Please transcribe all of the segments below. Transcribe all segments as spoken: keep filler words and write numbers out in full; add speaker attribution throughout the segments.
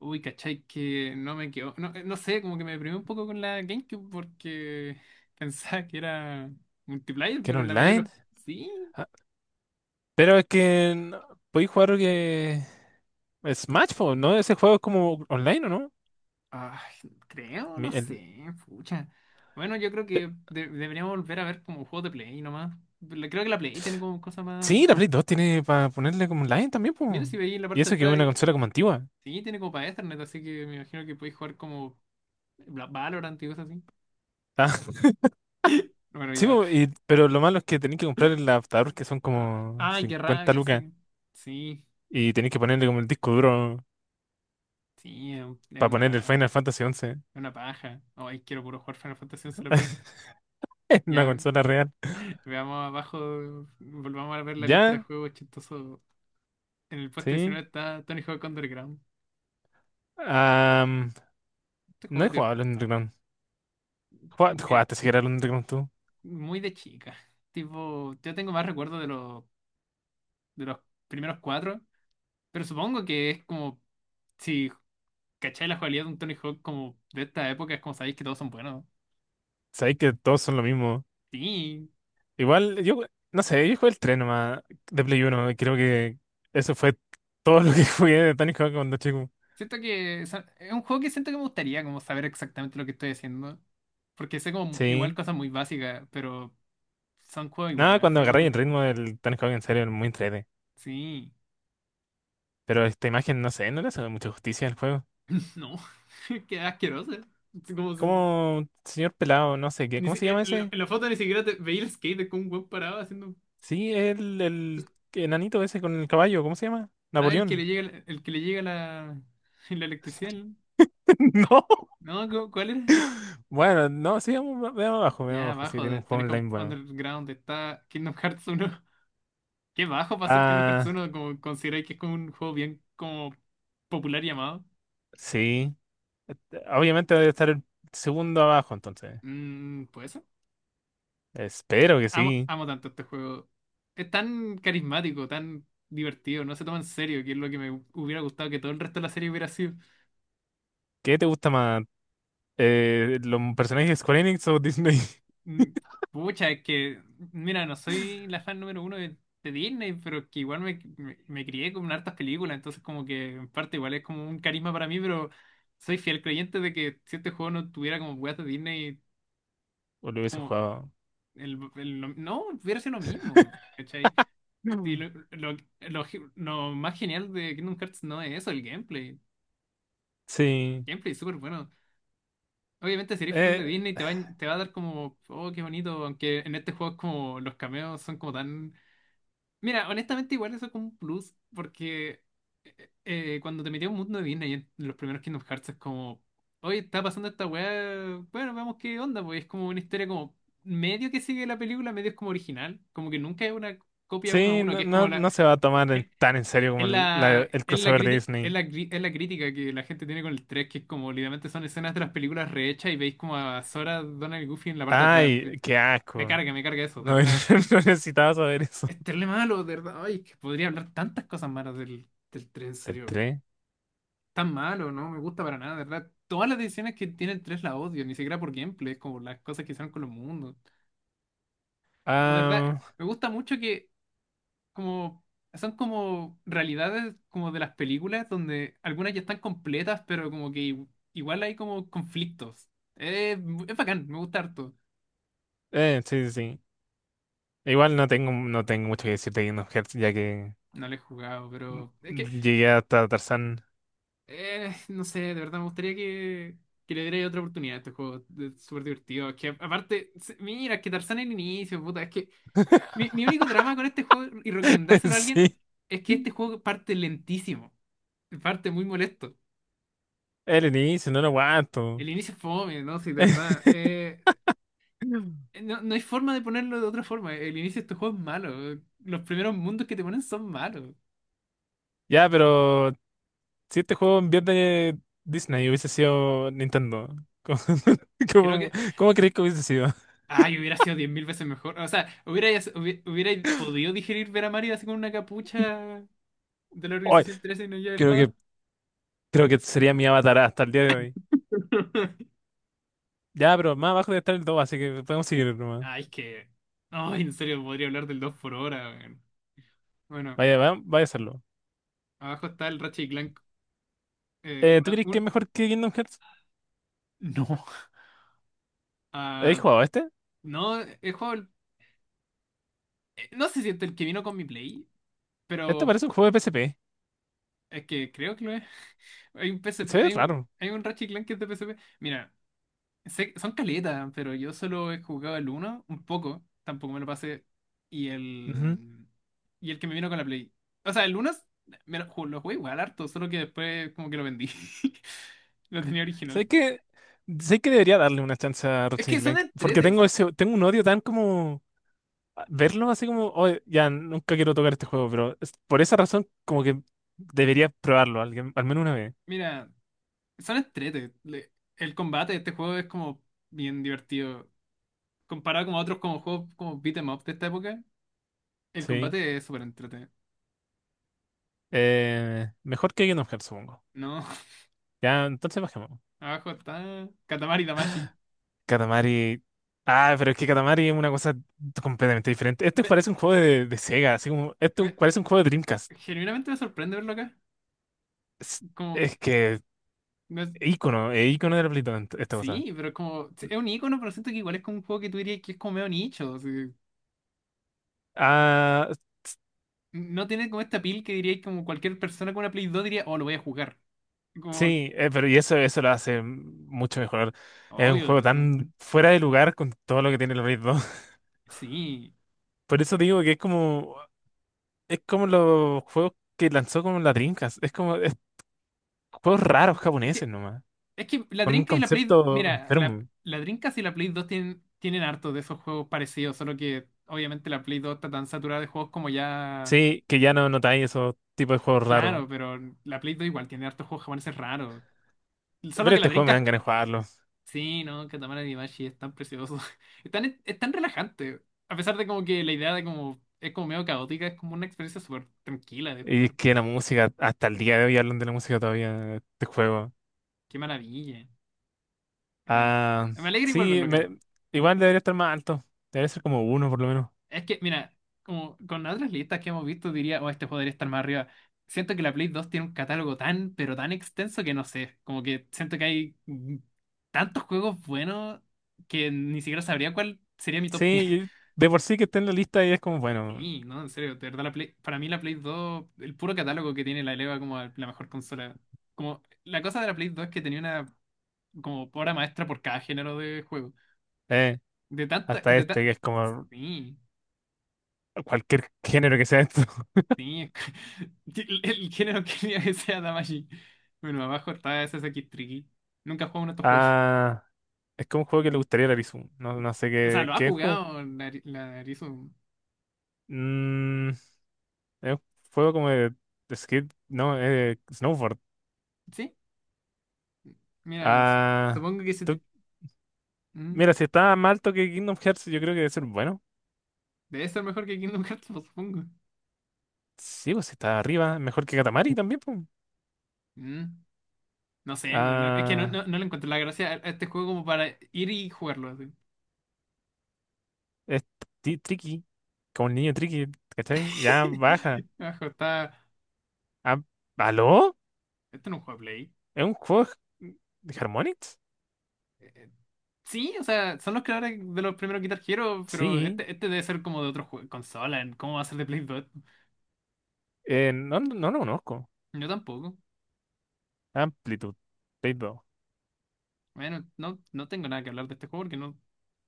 Speaker 1: Uy, cachai, que no me quedó. No, eh, no sé, como que me deprimí un poco con la GameCube porque pensaba que era multiplayer,
Speaker 2: ¿Que era
Speaker 1: pero la mayoría de los.
Speaker 2: online?
Speaker 1: Sí,
Speaker 2: Ah, pero es que no- podéis jugar que Smash, po, ¿no? Ese juego es como online, ¿o no?
Speaker 1: ah, creo,
Speaker 2: Mi-
Speaker 1: no
Speaker 2: el-
Speaker 1: sé, pucha. Bueno, yo creo
Speaker 2: pe-
Speaker 1: que de- deberíamos volver a ver como juegos de Play nomás. Le- Creo que la Play tiene como cosas más.
Speaker 2: Sí, la Play dos tiene para ponerle como online también, pues.
Speaker 1: Mira si veis en la
Speaker 2: Y
Speaker 1: parte de
Speaker 2: eso que es
Speaker 1: atrás.
Speaker 2: una consola como antigua.
Speaker 1: Sí, tiene como para Ethernet, así que me imagino que podéis jugar como Bla- Valorant y cosas así.
Speaker 2: Ah,
Speaker 1: Bueno,
Speaker 2: sí,
Speaker 1: ya.
Speaker 2: po, y- pero lo malo es que tenéis que comprar el adaptador que son
Speaker 1: Ah,
Speaker 2: como
Speaker 1: ay, qué
Speaker 2: cincuenta
Speaker 1: rabia,
Speaker 2: lucas
Speaker 1: sí. Sí,
Speaker 2: y tenéis que ponerle como el disco duro
Speaker 1: sí, es
Speaker 2: para poner el
Speaker 1: una,
Speaker 2: Final Fantasy once
Speaker 1: Una paja. Ay, quiero puro jugar Final Fantasy once en la Play.
Speaker 2: en una
Speaker 1: Ya,
Speaker 2: consola real.
Speaker 1: veamos abajo, volvamos a ver la lista de
Speaker 2: Ya,
Speaker 1: juegos chistosos. En el puesto
Speaker 2: sí.
Speaker 1: diecinueve está Tony Hawk Underground.
Speaker 2: Am,
Speaker 1: Este
Speaker 2: no
Speaker 1: juego
Speaker 2: he
Speaker 1: es
Speaker 2: jugado al
Speaker 1: divert-
Speaker 2: Underground. Jua-
Speaker 1: como que
Speaker 2: ¿Jugaste siquiera al Underground tú?
Speaker 1: muy de chica. Tipo, yo tengo más recuerdos de los, de los primeros cuatro, pero supongo que es como, si cacháis la jugabilidad de un Tony Hawk como de esta época, es como sabéis que todos son buenos.
Speaker 2: Sabéis que todos son lo mismo.
Speaker 1: Sí,
Speaker 2: Igual, yo, no sé, yo jugué el tres nomás de Play uno y creo que eso fue todo lo que jugué de Tony Hawk cuando chico.
Speaker 1: siento que es es un juego que siento que me gustaría como saber exactamente lo que estoy haciendo. Porque sé como igual
Speaker 2: Sí.
Speaker 1: cosas muy básicas, pero son juegos igual
Speaker 2: Nada,
Speaker 1: me
Speaker 2: cuando
Speaker 1: enfermos
Speaker 2: agarré el
Speaker 1: de.
Speaker 2: ritmo del Tony Hawk en serio, era muy entrete.
Speaker 1: Sí.
Speaker 2: Pero esta imagen, no sé, no le hace mucha justicia al juego.
Speaker 1: No. Qué asqueroso. Es como si-
Speaker 2: Como señor pelado, no sé qué.
Speaker 1: ni
Speaker 2: ¿Cómo
Speaker 1: si-
Speaker 2: se
Speaker 1: eh,
Speaker 2: llama
Speaker 1: En la,
Speaker 2: ese?
Speaker 1: en la foto ni siquiera te veía el skate con un weón parado haciendo.
Speaker 2: Sí, el, el enanito ese con el caballo, ¿cómo se llama?
Speaker 1: Ah, el que le
Speaker 2: Napoleón.
Speaker 1: llega, la- el que le llega la, la electricidad. No,
Speaker 2: No.
Speaker 1: no, ¿cu- ¿cuál era?
Speaker 2: Bueno, no, sí, veamos, veamos abajo, veamos
Speaker 1: Ya,
Speaker 2: abajo. Sí,
Speaker 1: abajo
Speaker 2: tiene
Speaker 1: de
Speaker 2: un
Speaker 1: Tony
Speaker 2: juego
Speaker 1: Hawk
Speaker 2: online bueno.
Speaker 1: Underground está Kingdom Hearts uno. Qué bajo para ser Kingdom Hearts
Speaker 2: Ah,
Speaker 1: uno, como consideráis que es como un juego bien como popular llamado.
Speaker 2: sí. Obviamente debe estar el segundo abajo, entonces.
Speaker 1: Mmm,
Speaker 2: Espero que
Speaker 1: Amo,
Speaker 2: sí.
Speaker 1: amo tanto este juego. Es tan carismático, tan divertido, no se toma en serio, que es lo que me hubiera gustado que todo el resto de la serie hubiera sido.
Speaker 2: ¿Qué te gusta más? Eh, ¿los personajes de Square Enix o Disney?
Speaker 1: Mm, Pucha, es que, mira, no soy la fan número uno de, de Disney, pero es que igual me, me, me crié con hartas películas, entonces como que en parte igual es como un carisma para mí, pero soy fiel creyente de que si este juego no tuviera como weas de Disney,
Speaker 2: ¿O lo hubiese
Speaker 1: como
Speaker 2: jugado?
Speaker 1: el, el- lo- no, hubiera sido lo mismo, ¿cachai? Y
Speaker 2: Mm.
Speaker 1: lo, lo, lo, lo más genial de Kingdom Hearts no es eso, el gameplay.
Speaker 2: Sí.
Speaker 1: Gameplay súper bueno. Obviamente, si eres fan de
Speaker 2: Eh,
Speaker 1: Disney, te va, a- te va a dar como, oh, qué bonito. Aunque en este juego es como los cameos son como tan. Mira, honestamente, igual eso es como un plus, porque eh, cuando te metí a un mundo de Disney en los primeros Kingdom Hearts es como, oye, está pasando esta weá, bueno, vamos qué onda, pues es como una historia como medio que sigue la película, medio es como original, como que nunca es una copia uno a
Speaker 2: sí,
Speaker 1: uno, que
Speaker 2: no,
Speaker 1: es como
Speaker 2: no,
Speaker 1: la.
Speaker 2: no se va a tomar en- tan en serio
Speaker 1: Es
Speaker 2: como el,
Speaker 1: la,
Speaker 2: la- el
Speaker 1: es la,
Speaker 2: crossover de
Speaker 1: criti- es
Speaker 2: Disney.
Speaker 1: la, cri- es la crítica que la gente tiene con el tres, que es como literalmente son escenas de las películas rehechas y veis como a Sora, Donald y Goofy en la parte de atrás.
Speaker 2: Ay, qué
Speaker 1: Me
Speaker 2: asco.
Speaker 1: carga, me carga eso, de
Speaker 2: No,
Speaker 1: verdad. Es,
Speaker 2: no necesitaba saber eso.
Speaker 1: es terrible malo, de verdad. Ay, que podría hablar tantas cosas malas del, del tres, en
Speaker 2: ¿Del
Speaker 1: serio.
Speaker 2: tres?
Speaker 1: Tan malo, no me gusta para nada, de verdad. Todas las decisiones que tiene el tres la odio, ni siquiera por gameplay, es como las cosas que hicieron con los mundos. Como de verdad,
Speaker 2: Ah,
Speaker 1: me gusta mucho que como son como realidades como de las películas donde algunas ya están completas, pero como que i- igual hay como conflictos. Eh, mu- es bacán, me gusta harto.
Speaker 2: eh, sí, sí, sí. Igual no tengo, no tengo mucho que decirte de Kingdom Hearts, ya que
Speaker 1: No lo he jugado, pero es que
Speaker 2: llegué hasta Tarzán.
Speaker 1: eh, no sé, de verdad me gustaría que, que le diera otra oportunidad a este juego. Es súper divertido. Es que aparte, se- mira, es que Tarzán en el inicio, puta, es que mi, mi único drama con este juego y recomendárselo a alguien
Speaker 2: Sí.
Speaker 1: es que este juego parte lentísimo, parte muy molesto.
Speaker 2: El inicio, no lo aguanto.
Speaker 1: El inicio es fome, ¿no? Sí, de verdad. Eh,
Speaker 2: Mm.
Speaker 1: No, no hay forma de ponerlo de otra forma. El inicio de este juego es malo. Los primeros mundos que te ponen son malos.
Speaker 2: Ya, pero si este juego en vez de Disney hubiese sido Nintendo, ¿cómo,
Speaker 1: Creo
Speaker 2: cómo-
Speaker 1: que.
Speaker 2: cómo crees que hubiese sido?
Speaker 1: Ay, hubiera sido diez mil veces mejor. O sea, hubiera hubi- hubierais podido digerir ver a Mario así con una capucha de la
Speaker 2: Ay,
Speaker 1: organización trece y no lleva
Speaker 2: creo que,
Speaker 1: espada.
Speaker 2: creo que sería mi avatar hasta el día de hoy. Ya, pero más abajo debe estar el dos, así que podemos seguir nomás.
Speaker 1: Ay, es que. Ay, en serio, podría hablar del dos por hora, weón. Bueno,
Speaker 2: Vaya, va- vaya a hacerlo.
Speaker 1: abajo está el Ratchet y Clank. eh,
Speaker 2: Eh, ¿tú
Speaker 1: una-
Speaker 2: crees que es
Speaker 1: un-
Speaker 2: mejor que Kingdom Hearts?
Speaker 1: No. Ah,
Speaker 2: ¿Habéis jugado este?
Speaker 1: no, el juego. eh, No se siente el que vino con mi Play,
Speaker 2: Este
Speaker 1: pero
Speaker 2: parece un juego de P S P.
Speaker 1: es que creo que lo es. Hay un P S P,
Speaker 2: Se ve
Speaker 1: hay un,
Speaker 2: raro.
Speaker 1: hay un Ratchet Clank que es de P S P. Mira, sé- son caletas, pero yo solo he jugado el uno un poco, tampoco me lo pasé. Y el,
Speaker 2: Ujú.
Speaker 1: em, y el que me vino con la Play. O sea, el uno es- me lo, ju- lo jugué igual harto, solo que después como que lo vendí. Lo tenía original.
Speaker 2: ¿Sabes qué? Sé que debería darle una chance a
Speaker 1: Es
Speaker 2: Ratchet
Speaker 1: que
Speaker 2: y
Speaker 1: son
Speaker 2: Clank, porque
Speaker 1: entretes.
Speaker 2: tengo
Speaker 1: son-
Speaker 2: ese, tengo un odio tan como verlo así como: "Oye, ya nunca quiero tocar este juego", pero es- por esa razón como que debería probarlo alguien, al menos una vez.
Speaker 1: Mira, son entretes. Le- el combate de este juego es como bien divertido. Comparado con otros como juegos como beat 'em up de esta época, el
Speaker 2: Sí.
Speaker 1: combate es súper entretenido.
Speaker 2: Eh, mejor que Kingdom Hearts, supongo.
Speaker 1: No.
Speaker 2: Ya, entonces bajemos.
Speaker 1: Abajo está Katamari Damashi.
Speaker 2: Katamari. Ah, pero es que Katamari es una cosa completamente diferente. Este
Speaker 1: Me-
Speaker 2: parece un juego de, de Sega, así como, este un-
Speaker 1: me-
Speaker 2: parece un juego de Dreamcast.
Speaker 1: genuinamente me sorprende verlo acá.
Speaker 2: Es,
Speaker 1: Como,
Speaker 2: es que,
Speaker 1: no es-
Speaker 2: ícono, es ícono de la play esta cosa.
Speaker 1: sí, pero como, sí, es un icono, pero siento que igual es como un juego que tú dirías que es como medio nicho. O sea,
Speaker 2: Ah,
Speaker 1: no tiene como esta pil que dirías como cualquier persona con una Play dos diría, oh, lo voy a jugar. Como,
Speaker 2: sí, eh, pero y eso, eso lo hace mucho mejor. Es un
Speaker 1: obvio, o
Speaker 2: juego
Speaker 1: sea,
Speaker 2: tan fuera de lugar con todo lo que tiene el Blade.
Speaker 1: sí.
Speaker 2: Por eso digo que es como, es como los juegos que lanzó como la Dreamcast. Es como es juegos raros
Speaker 1: Y Es que,
Speaker 2: japoneses nomás,
Speaker 1: es que la
Speaker 2: con un
Speaker 1: Drinka y la Play,
Speaker 2: concepto
Speaker 1: mira, la,
Speaker 2: enfermo.
Speaker 1: la Dreamcast y la Play dos tienen, tienen harto de esos juegos parecidos, solo que obviamente la Play dos está tan saturada de juegos como ya.
Speaker 2: Sí, que ya no notáis esos tipos de juegos raros.
Speaker 1: Claro, pero la Play dos igual tiene harto juego japonés es raro. Solo
Speaker 2: Pero
Speaker 1: que la
Speaker 2: este juego me dan
Speaker 1: Dreamcast.
Speaker 2: ganas de jugarlo.
Speaker 1: Sí, no, Katamari Damacy es tan precioso. Es tan, es tan relajante. A pesar de como que la idea de como es como medio caótica, es como una experiencia súper tranquila de
Speaker 2: Y
Speaker 1: jugar.
Speaker 2: es que la música, hasta el día de hoy hablan de la música todavía, de este juego.
Speaker 1: Qué maravilla. En-
Speaker 2: Ah,
Speaker 1: me alegra igual
Speaker 2: sí,
Speaker 1: verlo, acá.
Speaker 2: me- igual debería estar más alto. Debería ser como uno por lo menos.
Speaker 1: Es que, mira, como con las otras listas que hemos visto, diría, oh, este podría estar más arriba. Siento que la Play dos tiene un catálogo tan, pero tan extenso que no sé. Como que siento que hay mm, tantos juegos buenos que ni siquiera sabría cuál sería mi
Speaker 2: Sí,
Speaker 1: top diez.
Speaker 2: y de por sí que está en la lista y es como, bueno,
Speaker 1: Sí, no, en serio, de verdad, la Play- para mí la Play dos, el puro catálogo que tiene la eleva como a la mejor consola. Como, la cosa de la Play dos es que tenía una como obra maestra por cada género de juego.
Speaker 2: eh,
Speaker 1: De tanta,
Speaker 2: hasta
Speaker 1: de ta-
Speaker 2: este que es como
Speaker 1: sí.
Speaker 2: cualquier género que sea esto.
Speaker 1: Sí, es que- el, el género quería que sea Damacy. Bueno, abajo está ese Sasaki Tricky. Nunca jugó uno de estos juegos.
Speaker 2: Ah, es como un juego que le gustaría a la Lizu. No, no sé
Speaker 1: O sea,
Speaker 2: qué,
Speaker 1: lo ha
Speaker 2: qué es como.
Speaker 1: jugado Nari- la Narizu.
Speaker 2: Mm, es un juego como de, de skate. No, eh, snowboard.
Speaker 1: Sí, mira, s-
Speaker 2: Ah.
Speaker 1: supongo que se te-
Speaker 2: tú-
Speaker 1: mm,
Speaker 2: mira, si está más alto que Kingdom Hearts, yo creo que debe ser bueno.
Speaker 1: debe ser mejor que Kingdom Hearts, pues, supongo.
Speaker 2: Sí, pues si está arriba. Mejor que Katamari también, pues.
Speaker 1: Mm, No sé, no, no- es que no,
Speaker 2: Ah.
Speaker 1: no, no le encuentro la gracia a a este juego como para ir y jugarlo así.
Speaker 2: Es tri- tricky. Como el niño tricky, ¿cachai? Ya baja.
Speaker 1: Abajo está.
Speaker 2: Ah, ¿aló?
Speaker 1: Este no es un juego de Play.
Speaker 2: ¿Es un juego de de Harmonix?
Speaker 1: Eh, eh, Sí, o sea, son los creadores de los primeros Guitar Hero, pero
Speaker 2: Sí.
Speaker 1: este, este debe ser como de otro jue- consola. ¿Cómo va a ser de Play dos?
Speaker 2: Eh, no, no, no lo conozco.
Speaker 1: Yo tampoco.
Speaker 2: Amplitude. Blade.
Speaker 1: Bueno, no, no tengo nada que hablar de este juego porque no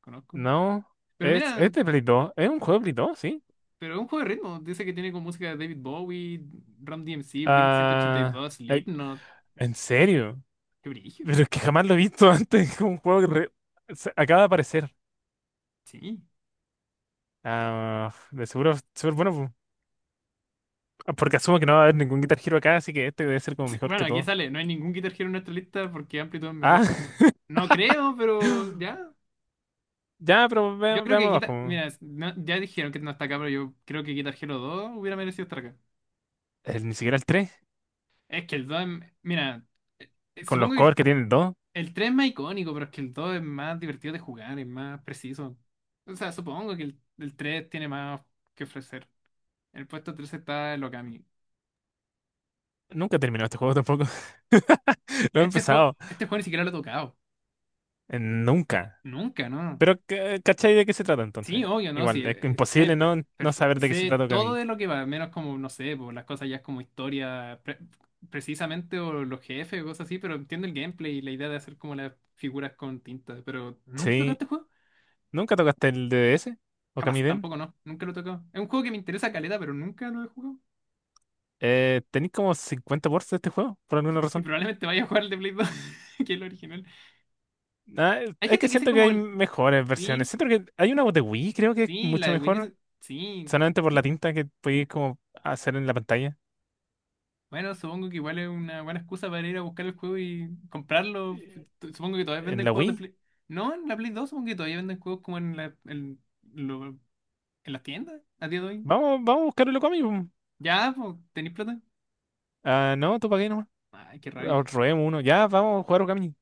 Speaker 1: conozco.
Speaker 2: No,
Speaker 1: Pero
Speaker 2: es,
Speaker 1: mira,
Speaker 2: es de Play dos. Es un juego de Play dos, sí.
Speaker 1: pero es un juego de ritmo. Dice que tiene como música de David Bowie, Ram D M C, Blink ciento ochenta y
Speaker 2: Ah,
Speaker 1: dos,
Speaker 2: eh,
Speaker 1: Slipknot.
Speaker 2: ¿en serio?
Speaker 1: Qué brillo.
Speaker 2: Pero es que jamás lo he visto antes. Es un juego que re- se- acaba de aparecer.
Speaker 1: Sí.
Speaker 2: Ah, de seguro es súper bueno, pu- ah, porque asumo que no va a haber ningún Guitar Hero acá, así que este debe ser como mejor
Speaker 1: Bueno,
Speaker 2: que
Speaker 1: aquí
Speaker 2: todo.
Speaker 1: sale. No hay ningún Guitar Hero en nuestra lista porque Amplitude es
Speaker 2: Ah,
Speaker 1: mejor. No creo, pero ya.
Speaker 2: ya, pero
Speaker 1: Yo
Speaker 2: ve-
Speaker 1: creo que
Speaker 2: veamos abajo.
Speaker 1: Guitar. Mira, no- ya dijeron que no está acá, pero yo creo que Guitar Hero dos hubiera merecido estar acá.
Speaker 2: El- ni siquiera el tres,
Speaker 1: Es que el dos es- mira, eh,
Speaker 2: con los
Speaker 1: supongo que
Speaker 2: covers que tiene el dos.
Speaker 1: el tres es más icónico, pero es que el dos es más divertido de jugar, es más preciso. O sea, supongo que el, el tres tiene más que ofrecer. En el puesto tres está el Okami.
Speaker 2: Nunca he terminado este juego tampoco. Lo he
Speaker 1: Este juego,
Speaker 2: empezado.
Speaker 1: este juego ni siquiera lo he tocado.
Speaker 2: Eh, Nunca.
Speaker 1: Nunca, ¿no?
Speaker 2: Pero, ca- ¿cachai de qué se trata
Speaker 1: Sí,
Speaker 2: entonces?
Speaker 1: obvio, ¿no? Sí,
Speaker 2: Igual,
Speaker 1: eh,
Speaker 2: es
Speaker 1: eh, sé,
Speaker 2: imposible no,
Speaker 1: per-
Speaker 2: no
Speaker 1: perfe-
Speaker 2: saber de qué se
Speaker 1: sé
Speaker 2: trata
Speaker 1: todo
Speaker 2: Okami.
Speaker 1: de lo que va, menos como, no sé, por las cosas ya es como historia pre- precisamente, o los jefes o cosas así, pero entiendo el gameplay y la idea de hacer como las figuras con tinta. Pero nunca he tocado
Speaker 2: Sí.
Speaker 1: este juego.
Speaker 2: ¿Nunca tocaste el D D S? ¿O
Speaker 1: Jamás,
Speaker 2: Den?
Speaker 1: tampoco no, nunca lo he tocado. Es un juego que me interesa caleta, pero nunca lo he jugado.
Speaker 2: Eh, ¿tenéis como cincuenta ports de este juego? Por alguna
Speaker 1: Y
Speaker 2: razón.
Speaker 1: probablemente vaya a jugar el de Play dos, que es el original.
Speaker 2: Ah,
Speaker 1: Hay
Speaker 2: es
Speaker 1: gente
Speaker 2: que
Speaker 1: que dice
Speaker 2: siento que
Speaker 1: como
Speaker 2: hay
Speaker 1: el.
Speaker 2: mejores versiones.
Speaker 1: Sí,
Speaker 2: Siento que hay una de Wii, creo que es
Speaker 1: sí, la
Speaker 2: mucho
Speaker 1: de Wii
Speaker 2: mejor.
Speaker 1: dice. Sí.
Speaker 2: Solamente por la tinta que podéis como hacer en la pantalla.
Speaker 1: Bueno, supongo que igual es una buena excusa para ir a buscar el juego y comprarlo.
Speaker 2: Eh,
Speaker 1: Tu- Supongo que todavía
Speaker 2: En
Speaker 1: venden
Speaker 2: la
Speaker 1: juegos de
Speaker 2: Wii.
Speaker 1: Play. No, en la Play dos supongo que todavía venden juegos como en la, en, lo- en las tiendas a día de hoy.
Speaker 2: Vamos, vamos a buscar el Okami. Pum.
Speaker 1: Ya, pues, ¿tenéis plata?
Speaker 2: Ah, no, tú para qué nomás.
Speaker 1: Ay, qué
Speaker 2: Ah,
Speaker 1: rabia.
Speaker 2: robemos uno. Ya, vamos a jugar Okami.